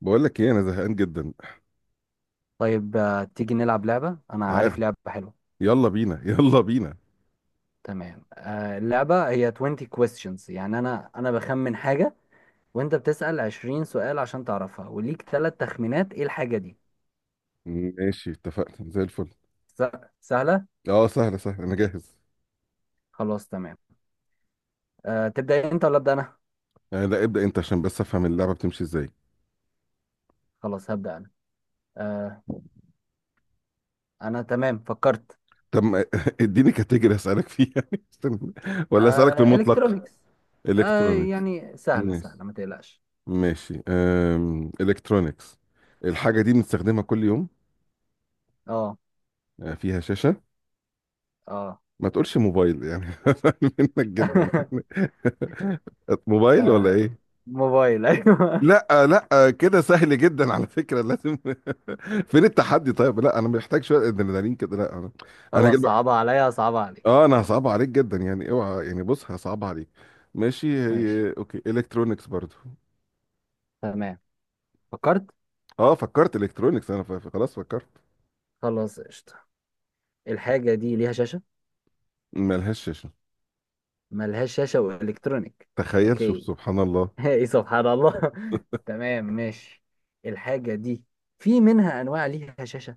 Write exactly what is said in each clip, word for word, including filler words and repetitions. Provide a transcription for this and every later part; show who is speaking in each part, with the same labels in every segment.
Speaker 1: بقول لك ايه، انا زهقان جدا. يلا
Speaker 2: طيب، آه، تيجي نلعب لعبة. أنا عارف
Speaker 1: تعال،
Speaker 2: لعبة حلوة.
Speaker 1: يلا بينا يلا بينا.
Speaker 2: تمام، آه، اللعبة هي عشرين questions، يعني أنا أنا بخمن حاجة وأنت بتسأل عشرين سؤال عشان تعرفها، وليك ثلاث تخمينات. إيه الحاجة دي؟
Speaker 1: ماشي اتفقنا زي الفل.
Speaker 2: س- سهلة.
Speaker 1: اه سهله سهله انا جاهز.
Speaker 2: خلاص تمام. أه تبدأ أنت ولا أبدأ أنا؟
Speaker 1: آه لا ابدا انت عشان بس افهم اللعبه بتمشي ازاي.
Speaker 2: خلاص، هبدأ أنا. أه أنا تمام، فكرت.
Speaker 1: طب ما- اديني كاتيجوري اسالك فيها استنى، ولا اسالك في
Speaker 2: أه
Speaker 1: المطلق؟
Speaker 2: إلكترونيكس. أه
Speaker 1: الكترونيكس.
Speaker 2: يعني سهلة
Speaker 1: ماشي
Speaker 2: سهلة، ما تقلقش.
Speaker 1: ماشي. أم... الكترونيكس. الحاجه دي بنستخدمها كل يوم.
Speaker 2: أه
Speaker 1: آه، فيها شاشه.
Speaker 2: أه
Speaker 1: ما تقولش موبايل يعني، منك جدا يعني. موبايل ولا
Speaker 2: آه،
Speaker 1: ايه؟
Speaker 2: موبايل أيوه.
Speaker 1: لا لا، كده سهل جدا على فكرة، لازم فين التحدي؟ طيب لا، انا محتاج شوية ادرينالين كده، لا انا انا
Speaker 2: خلاص،
Speaker 1: هجيب لك.
Speaker 2: صعبة عليا صعبة عليك.
Speaker 1: اه انا
Speaker 2: يلا.
Speaker 1: هصعب عليك جدا يعني، اوعى يعني، بص هصعب عليك. ماشي.
Speaker 2: ماشي،
Speaker 1: هي اوكي، الكترونكس برضو.
Speaker 2: تمام، فكرت.
Speaker 1: اه فكرت الكترونكس، انا ف- ف- خلاص فكرت.
Speaker 2: خلاص قشطة. الحاجة دي ليها شاشة؟
Speaker 1: ملهاش شاشة.
Speaker 2: ملهاش شاشة وإلكترونيك.
Speaker 1: تخيل شوف
Speaker 2: أوكي.
Speaker 1: سبحان الله.
Speaker 2: إيه سبحان الله؟ تمام ماشي. الحاجة دي في منها أنواع ليها شاشة؟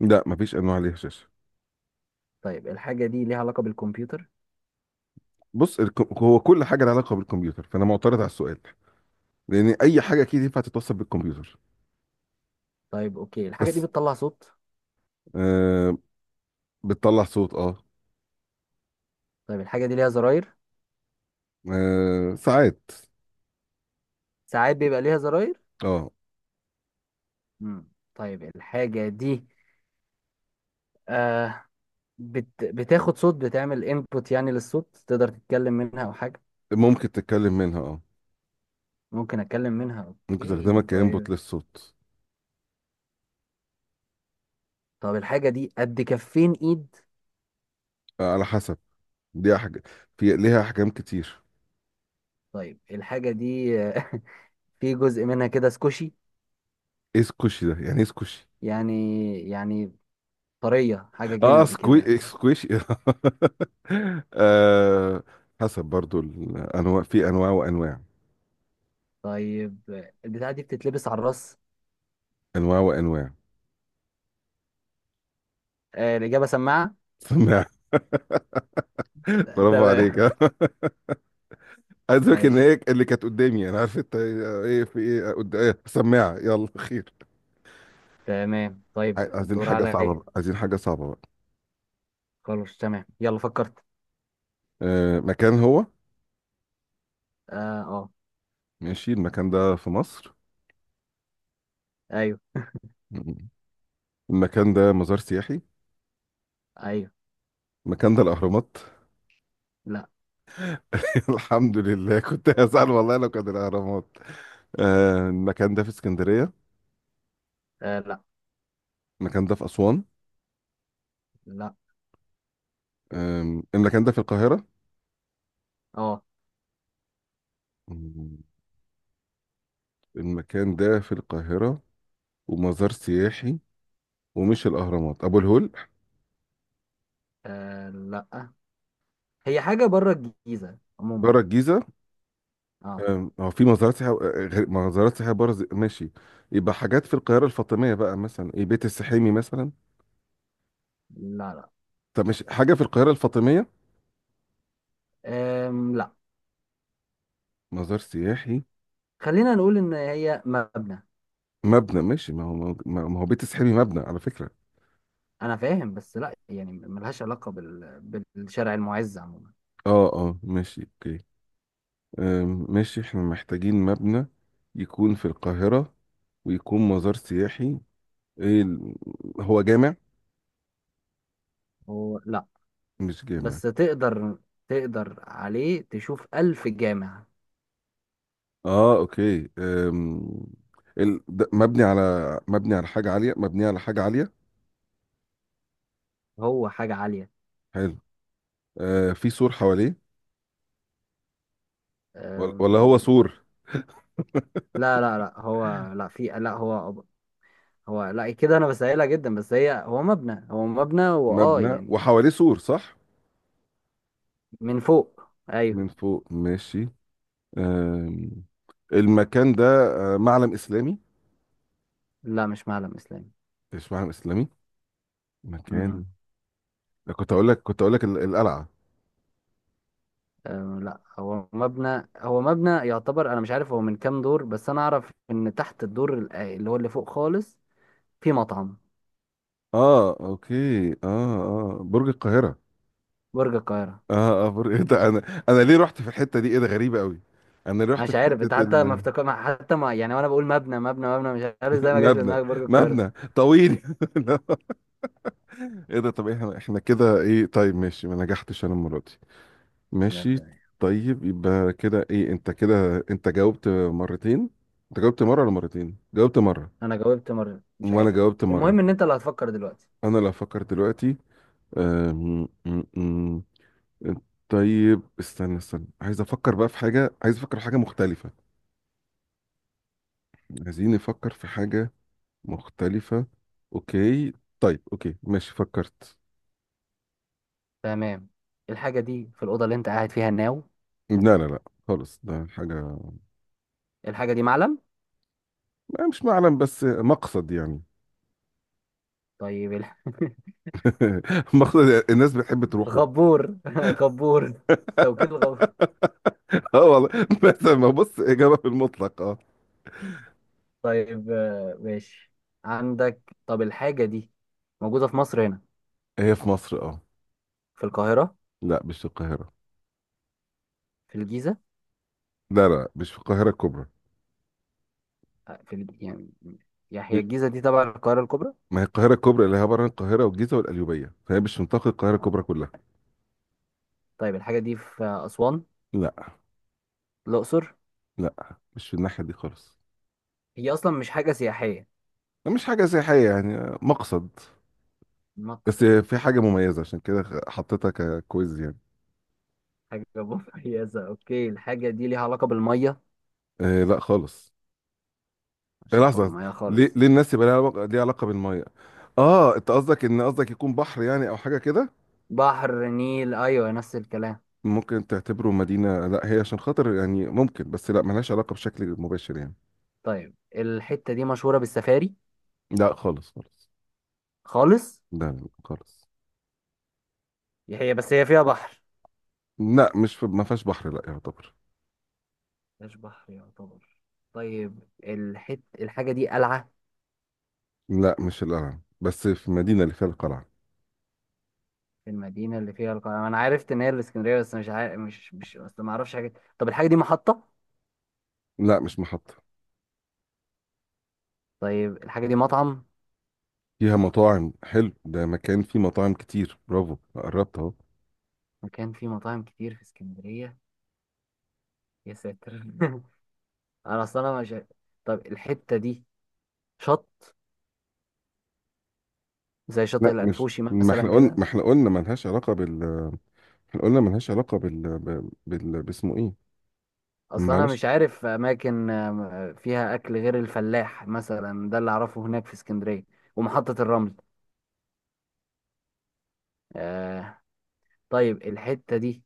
Speaker 1: لا مفيش انواع ليها شاشة.
Speaker 2: طيب، الحاجة دي ليها علاقة بالكمبيوتر؟
Speaker 1: بص الك- هو كل حاجة لها علاقة بالكمبيوتر، فانا معترض على السؤال، لان اي حاجة اكيد ينفع تتوصل بالكمبيوتر.
Speaker 2: طيب أوكي، الحاجة دي
Speaker 1: بس
Speaker 2: بتطلع صوت؟
Speaker 1: آه بتطلع صوت اه.
Speaker 2: طيب، الحاجة دي ليها زراير؟
Speaker 1: آه، ساعات
Speaker 2: ساعات بيبقى ليها زراير.
Speaker 1: اه.
Speaker 2: مم. طيب الحاجة دي آه بت... بتاخد صوت، بتعمل انبوت يعني للصوت، تقدر تتكلم منها أو حاجة؟
Speaker 1: ممكن تتكلم منها اه،
Speaker 2: ممكن أتكلم منها،
Speaker 1: ممكن تخدمها
Speaker 2: أوكي.
Speaker 1: كانبوت
Speaker 2: طيب،
Speaker 1: للصوت.
Speaker 2: طب الحاجة دي قد كفين ايد؟
Speaker 1: آه على حسب، دي حاجة في ليها احجام كتير.
Speaker 2: طيب الحاجة دي في جزء منها كده سكوشي.
Speaker 1: ايه سكوشي ده؟ يعني ايه سكوشي؟
Speaker 2: يعني يعني طرية، حاجة
Speaker 1: اه
Speaker 2: جلد كده.
Speaker 1: سكوي سكويشي آه. حسب برضو الانواع، في انواع وانواع،
Speaker 2: طيب البتاعة دي بتتلبس على الراس.
Speaker 1: انواع وانواع.
Speaker 2: آه، الإجابة سماعة.
Speaker 1: سماع برافو عليك
Speaker 2: تمام.
Speaker 1: آه. عايز اقول ان
Speaker 2: ماشي.
Speaker 1: هي اللي كانت قدامي، انا عارف انت ايه، إيه، في ايه قد- إيه، سماعه، يلا خير.
Speaker 2: تمام، طيب
Speaker 1: عاي- عايزين
Speaker 2: الدور
Speaker 1: حاجه آه. صعبه
Speaker 2: عليا.
Speaker 1: بقى، عايزين حاجه صعبه بقى.
Speaker 2: خلاص تمام، يلا فكرت.
Speaker 1: آه مكان هو.
Speaker 2: اه، اه.
Speaker 1: ماشي، المكان ده في مصر؟
Speaker 2: ايوه.
Speaker 1: المكان ده مزار سياحي؟
Speaker 2: ايوه.
Speaker 1: المكان ده الأهرامات؟
Speaker 2: لا.
Speaker 1: الحمد لله، كنت هزعل والله لو كان الأهرامات. آه، المكان ده في اسكندرية؟
Speaker 2: آه، لا.
Speaker 1: المكان ده في أسوان؟
Speaker 2: لا.
Speaker 1: آم، المكان ده في القاهرة؟
Speaker 2: اه.
Speaker 1: مم، المكان ده في القاهرة، ومزار سياحي، ومش الأهرامات، أبو الهول.
Speaker 2: آه، لا، هي حاجة بره الجيزة عموما.
Speaker 1: بره الجيزة.
Speaker 2: اه.
Speaker 1: آم، هو في مزارات سياحية آه، غير- مزارات سياحية بره زي- ماشي. يبقى حاجات في القاهرة الفاطمية بقى، مثلا إيه بيت السحيمي مثلا.
Speaker 2: لا. لا.
Speaker 1: طب مش حاجة في القاهرة الفاطمية؟
Speaker 2: آم، لا.
Speaker 1: مزار سياحي.
Speaker 2: خلينا نقول ان هي مبنى.
Speaker 1: مبنى ماشي، ما هو ما ما هو بيت السحري مبنى على فكرة.
Speaker 2: انا فاهم، بس لا، يعني ملهاش علاقه بال... بالشارع المعز عموما.
Speaker 1: اه اه ماشي اوكي. أم، ماشي احنا محتاجين مبنى، يكون في القاهرة، ويكون مزار سياحي. ايه ال- هو جامع؟
Speaker 2: هو لا.
Speaker 1: مش جامع.
Speaker 2: بس تقدر، تقدر عليه تشوف الف جامع.
Speaker 1: اه اوكي. أم، ال... ده مبني على، مبني على حاجة عالية مبني على حاجة عالية.
Speaker 2: هو حاجه عاليه.
Speaker 1: حلو. آه، في سور حواليه؟ ولا ولا هو
Speaker 2: أم...
Speaker 1: سور؟
Speaker 2: لا لا لا، هو لا، في لا هو، هو لا كده. انا بسهلها جدا، بس هي هو مبنى، هو مبنى، واه
Speaker 1: مبنى
Speaker 2: يعني.
Speaker 1: وحواليه سور، صح؟
Speaker 2: من فوق. ايوه.
Speaker 1: من فوق ماشي. أم، المكان ده، آه، معلم إسلامي؟
Speaker 2: لا، مش معلم اسلامي.
Speaker 1: اشمعنى اسلامي؟
Speaker 2: مم.
Speaker 1: مكان ده كنت اقول لك، كنت اقول لك ال- القلعه.
Speaker 2: أه لا، هو مبنى، هو مبنى يعتبر. انا مش عارف هو من كام دور، بس انا اعرف ان تحت الدور ال- آه، اللي هو اللي فوق خالص في مطعم.
Speaker 1: اه اوكي. اه اه برج القاهره.
Speaker 2: برج القاهرة.
Speaker 1: اه اه برج ايه ده، انا انا ليه رحت في الحته دي؟ ايه ده غريبه قوي. انا ليه
Speaker 2: انا
Speaker 1: رحت
Speaker 2: مش
Speaker 1: في
Speaker 2: عارف انت،
Speaker 1: حته
Speaker 2: حتى ما
Speaker 1: ال...
Speaker 2: افتكر ما- حتى ما يعني، وانا بقول مبنى مبنى مبنى، مش عارف ازاي ما جاش في
Speaker 1: مبنى،
Speaker 2: دماغك برج القاهرة.
Speaker 1: مبنى طويل لا. ايه ده، طب احنا احنا كده ايه؟ طيب ماشي، ما نجحتش انا المره دي.
Speaker 2: لا،
Speaker 1: ماشي.
Speaker 2: بتاعي.
Speaker 1: طيب يبقى كده ايه، انت كده انت جاوبت مرتين، انت جاوبت مره ولا مرتين؟ جاوبت مره.
Speaker 2: انا جاوبت مرة، مش
Speaker 1: وانا
Speaker 2: عارف،
Speaker 1: جاوبت مره.
Speaker 2: المهم ان انت اللي هتفكر دلوقتي.
Speaker 1: انا لو افكر دلوقتي، أم... طيب استنى استنى، عايز افكر بقى في حاجة، عايز افكر في حاجة مختلفة عايزين نفكر في حاجة مختلفة. اوكي. طيب اوكي ماشي فكرت.
Speaker 2: تمام. الحاجة دي في الأوضة اللي انت قاعد فيها الناو؟
Speaker 1: لا لا لا، خالص ده حاجة.
Speaker 2: الحاجة دي معلم؟
Speaker 1: ما مش معلم، بس مقصد يعني.
Speaker 2: طيب الح-
Speaker 1: مقصد الناس بتحب تروحه.
Speaker 2: غبور. غبور. توكيل غبور.
Speaker 1: اه والله. بس ما، بص إجابة في المطلق اه.
Speaker 2: طيب آه، ماشي. عندك، طب الحاجة دي موجودة في مصر هنا؟
Speaker 1: هي في مصر اه.
Speaker 2: في القاهرة؟
Speaker 1: لا مش في القاهرة.
Speaker 2: في الجيزة؟
Speaker 1: لا لا، مش في القاهرة الكبرى.
Speaker 2: آه، في ال... يعني، يعني هي
Speaker 1: مش-
Speaker 2: الجيزة دي تبع القاهرة الكبرى.
Speaker 1: ما هي القاهرة الكبرى اللي هي عبارة عن القاهرة والجيزة والقليوبية، فهي مش منطقة القاهرة
Speaker 2: آه.
Speaker 1: الكبرى كلها.
Speaker 2: طيب الحاجة دي في آه، أسوان؟
Speaker 1: لا
Speaker 2: الأقصر؟
Speaker 1: لا، مش في الناحية دي خالص.
Speaker 2: هي أصلا مش حاجة سياحية؟
Speaker 1: مش حاجة سياحية، يعني مقصد، بس
Speaker 2: مقصد.
Speaker 1: في حاجة مميزة عشان كده حطيتها ككويز يعني.
Speaker 2: حاجة مميزة، أوكي. الحاجة دي ليها علاقة بالمية؟
Speaker 1: آه لا خالص. آه،
Speaker 2: مش علاقة
Speaker 1: لحظة.
Speaker 2: بالمية
Speaker 1: ليه
Speaker 2: خالص؟
Speaker 1: ليه الناس يبقى ليها علاقة ليها علاقة بالمية؟ اه انت قصدك ان، قصدك يكون بحر يعني او حاجة كده.
Speaker 2: بحر، نيل، أيوة نفس الكلام.
Speaker 1: ممكن تعتبره مدينة، لا هي عشان خاطر يعني ممكن، بس لا ملهاش علاقة بشكل مباشر يعني.
Speaker 2: طيب الحتة دي مشهورة بالسفاري؟
Speaker 1: لا خالص خالص.
Speaker 2: خالص.
Speaker 1: لا لا، خالص.
Speaker 2: هي بس هي فيها بحر.
Speaker 1: لا مش في، ما فيهاش بحر لا يعتبر.
Speaker 2: مش بحر يعتبر. طيب الحت الحاجة دي قلعة؟
Speaker 1: لا مش القلعة، بس في مدينة اللي فيها القلعة.
Speaker 2: في المدينة اللي فيها القلعة. أنا عرفت إن هي الإسكندرية بس مش عارف، مش مش بس ما أعرفش حاجة. طب الحاجة دي محطة؟
Speaker 1: لا مش محطة.
Speaker 2: طيب الحاجة دي مطعم؟
Speaker 1: فيها مطاعم، حلو، ده مكان فيه مطاعم كتير، برافو قربت اهو.
Speaker 2: مكان فيه مطاعم كتير في إسكندرية. يا ساتر. أنا أصلا أنا مش عارف. طب الحتة دي شط زي شاطئ
Speaker 1: لا مش،
Speaker 2: الأنفوشي
Speaker 1: ما احنا
Speaker 2: مثلا
Speaker 1: قلنا،
Speaker 2: كده؟
Speaker 1: ما احنا قلنا ملهاش علاقة بال، احنا قلنا ملهاش علاقة بال، ب- بال باسمه ايه.
Speaker 2: أصلا أنا
Speaker 1: معلش.
Speaker 2: مش عارف أماكن آم، فيها أكل غير الفلاح مثلا، ده اللي أعرفه هناك في إسكندرية، ومحطة الرمل. آه. طيب الحتة دي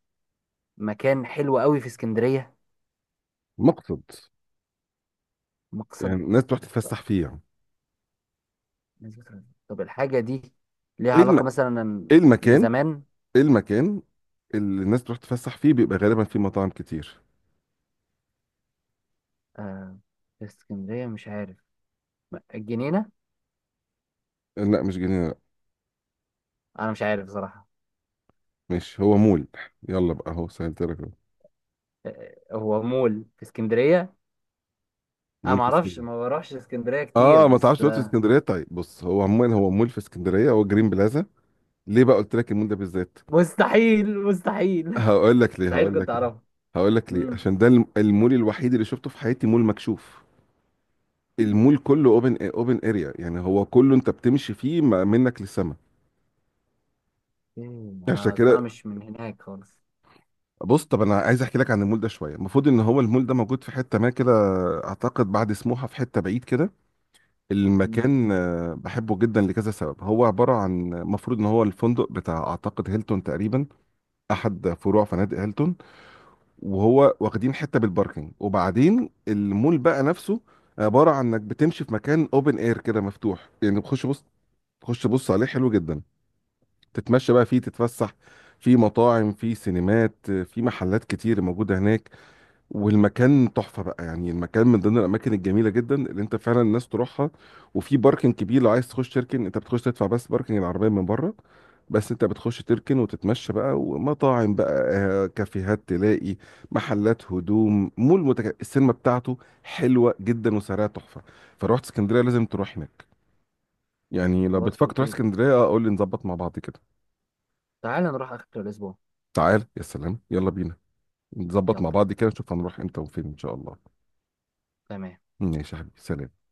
Speaker 2: مكان حلو قوي في اسكندرية.
Speaker 1: مقصد يعني،
Speaker 2: مقصد.
Speaker 1: الناس تروح تتفسح فيه يعني.
Speaker 2: نسبة رزق. طب الحاجة دي ليها
Speaker 1: ايه الم...
Speaker 2: علاقة مثلا
Speaker 1: ايه المكان،
Speaker 2: بزمان؟
Speaker 1: ايه المكان اللي الناس تروح تتفسح فيه، بيبقى غالبا فيه مطاعم كتير.
Speaker 2: آه في اسكندرية مش عارف، م- الجنينة؟
Speaker 1: لا مش جنينة لا.
Speaker 2: أنا مش عارف صراحة.
Speaker 1: مش هو مول؟ يلا بقى اهو سهلت لك أهو.
Speaker 2: آه، هو مول في اسكندرية؟ أنا
Speaker 1: مول في
Speaker 2: معرفش،
Speaker 1: اسكندرية.
Speaker 2: ما بروحش اسكندرية كتير،
Speaker 1: اه ما تعرفش
Speaker 2: بس
Speaker 1: دلوقتي في
Speaker 2: آه،
Speaker 1: اسكندرية، طيب بص هو عموما هو مول في اسكندرية، هو جرين بلازا. ليه بقى قلت لك المول ده بالذات؟
Speaker 2: مستحيل، مستحيل.
Speaker 1: هقول لك ليه
Speaker 2: مستحيل
Speaker 1: هقول
Speaker 2: كنت
Speaker 1: لك ليه
Speaker 2: أعرفها.
Speaker 1: هقول لك ليه،
Speaker 2: مم.
Speaker 1: عشان ده الم- المول الوحيد اللي شفته في حياتي مول مكشوف. المول كله اوبن اوبن اريا، يعني هو كله انت بتمشي فيه ما- منك للسما.
Speaker 2: إيه،
Speaker 1: عشان
Speaker 2: أنا أصل أنا
Speaker 1: كده،
Speaker 2: مش من هناك خالص.
Speaker 1: بص، طب انا عايز احكي لك عن المول ده شويه. المفروض ان هو المول ده موجود في حته ما كده، اعتقد بعد سموحه في حته بعيد كده.
Speaker 2: مم.
Speaker 1: المكان آه، بحبه جدا لكذا سبب. هو عباره عن، المفروض ان هو الفندق بتاع اعتقد هيلتون تقريبا، احد فروع فنادق هيلتون. وهو واخدين حته بالباركينج، وبعدين المول بقى نفسه عباره عن انك بتمشي في مكان اوبن اير كده مفتوح يعني، بتخش بص، تخش بص عليه، حلو جدا. تتمشى بقى فيه تتفسح، في مطاعم، في سينمات، في محلات كتير موجوده هناك، والمكان تحفة بقى يعني. المكان من ضمن الأماكن الجميلة جدا اللي أنت فعلا الناس تروحها. وفي باركنج كبير لو عايز تخش تركن، أنت بتخش تدفع بس باركنج العربية من بره، بس أنت بتخش تركن وتتمشى بقى، ومطاعم بقى آه، كافيهات تلاقي، محلات هدوم، مول متك... السينما بتاعته حلوة جدا وسعرها تحفة. فروحت اسكندرية لازم تروح هناك، يعني لو
Speaker 2: خلاص
Speaker 1: بتفكر تروح
Speaker 2: أوكي.
Speaker 1: اسكندرية آه، قول لي نظبط مع بعض كده.
Speaker 2: تعالى نروح آخر الأسبوع.
Speaker 1: تعال يا سلام، يلا بينا، نظبط
Speaker 2: يلا.
Speaker 1: مع بعض كده، نشوف هنروح امتى وفين إن شاء الله.
Speaker 2: تمام.
Speaker 1: ماشي يا حبيبي، سلام.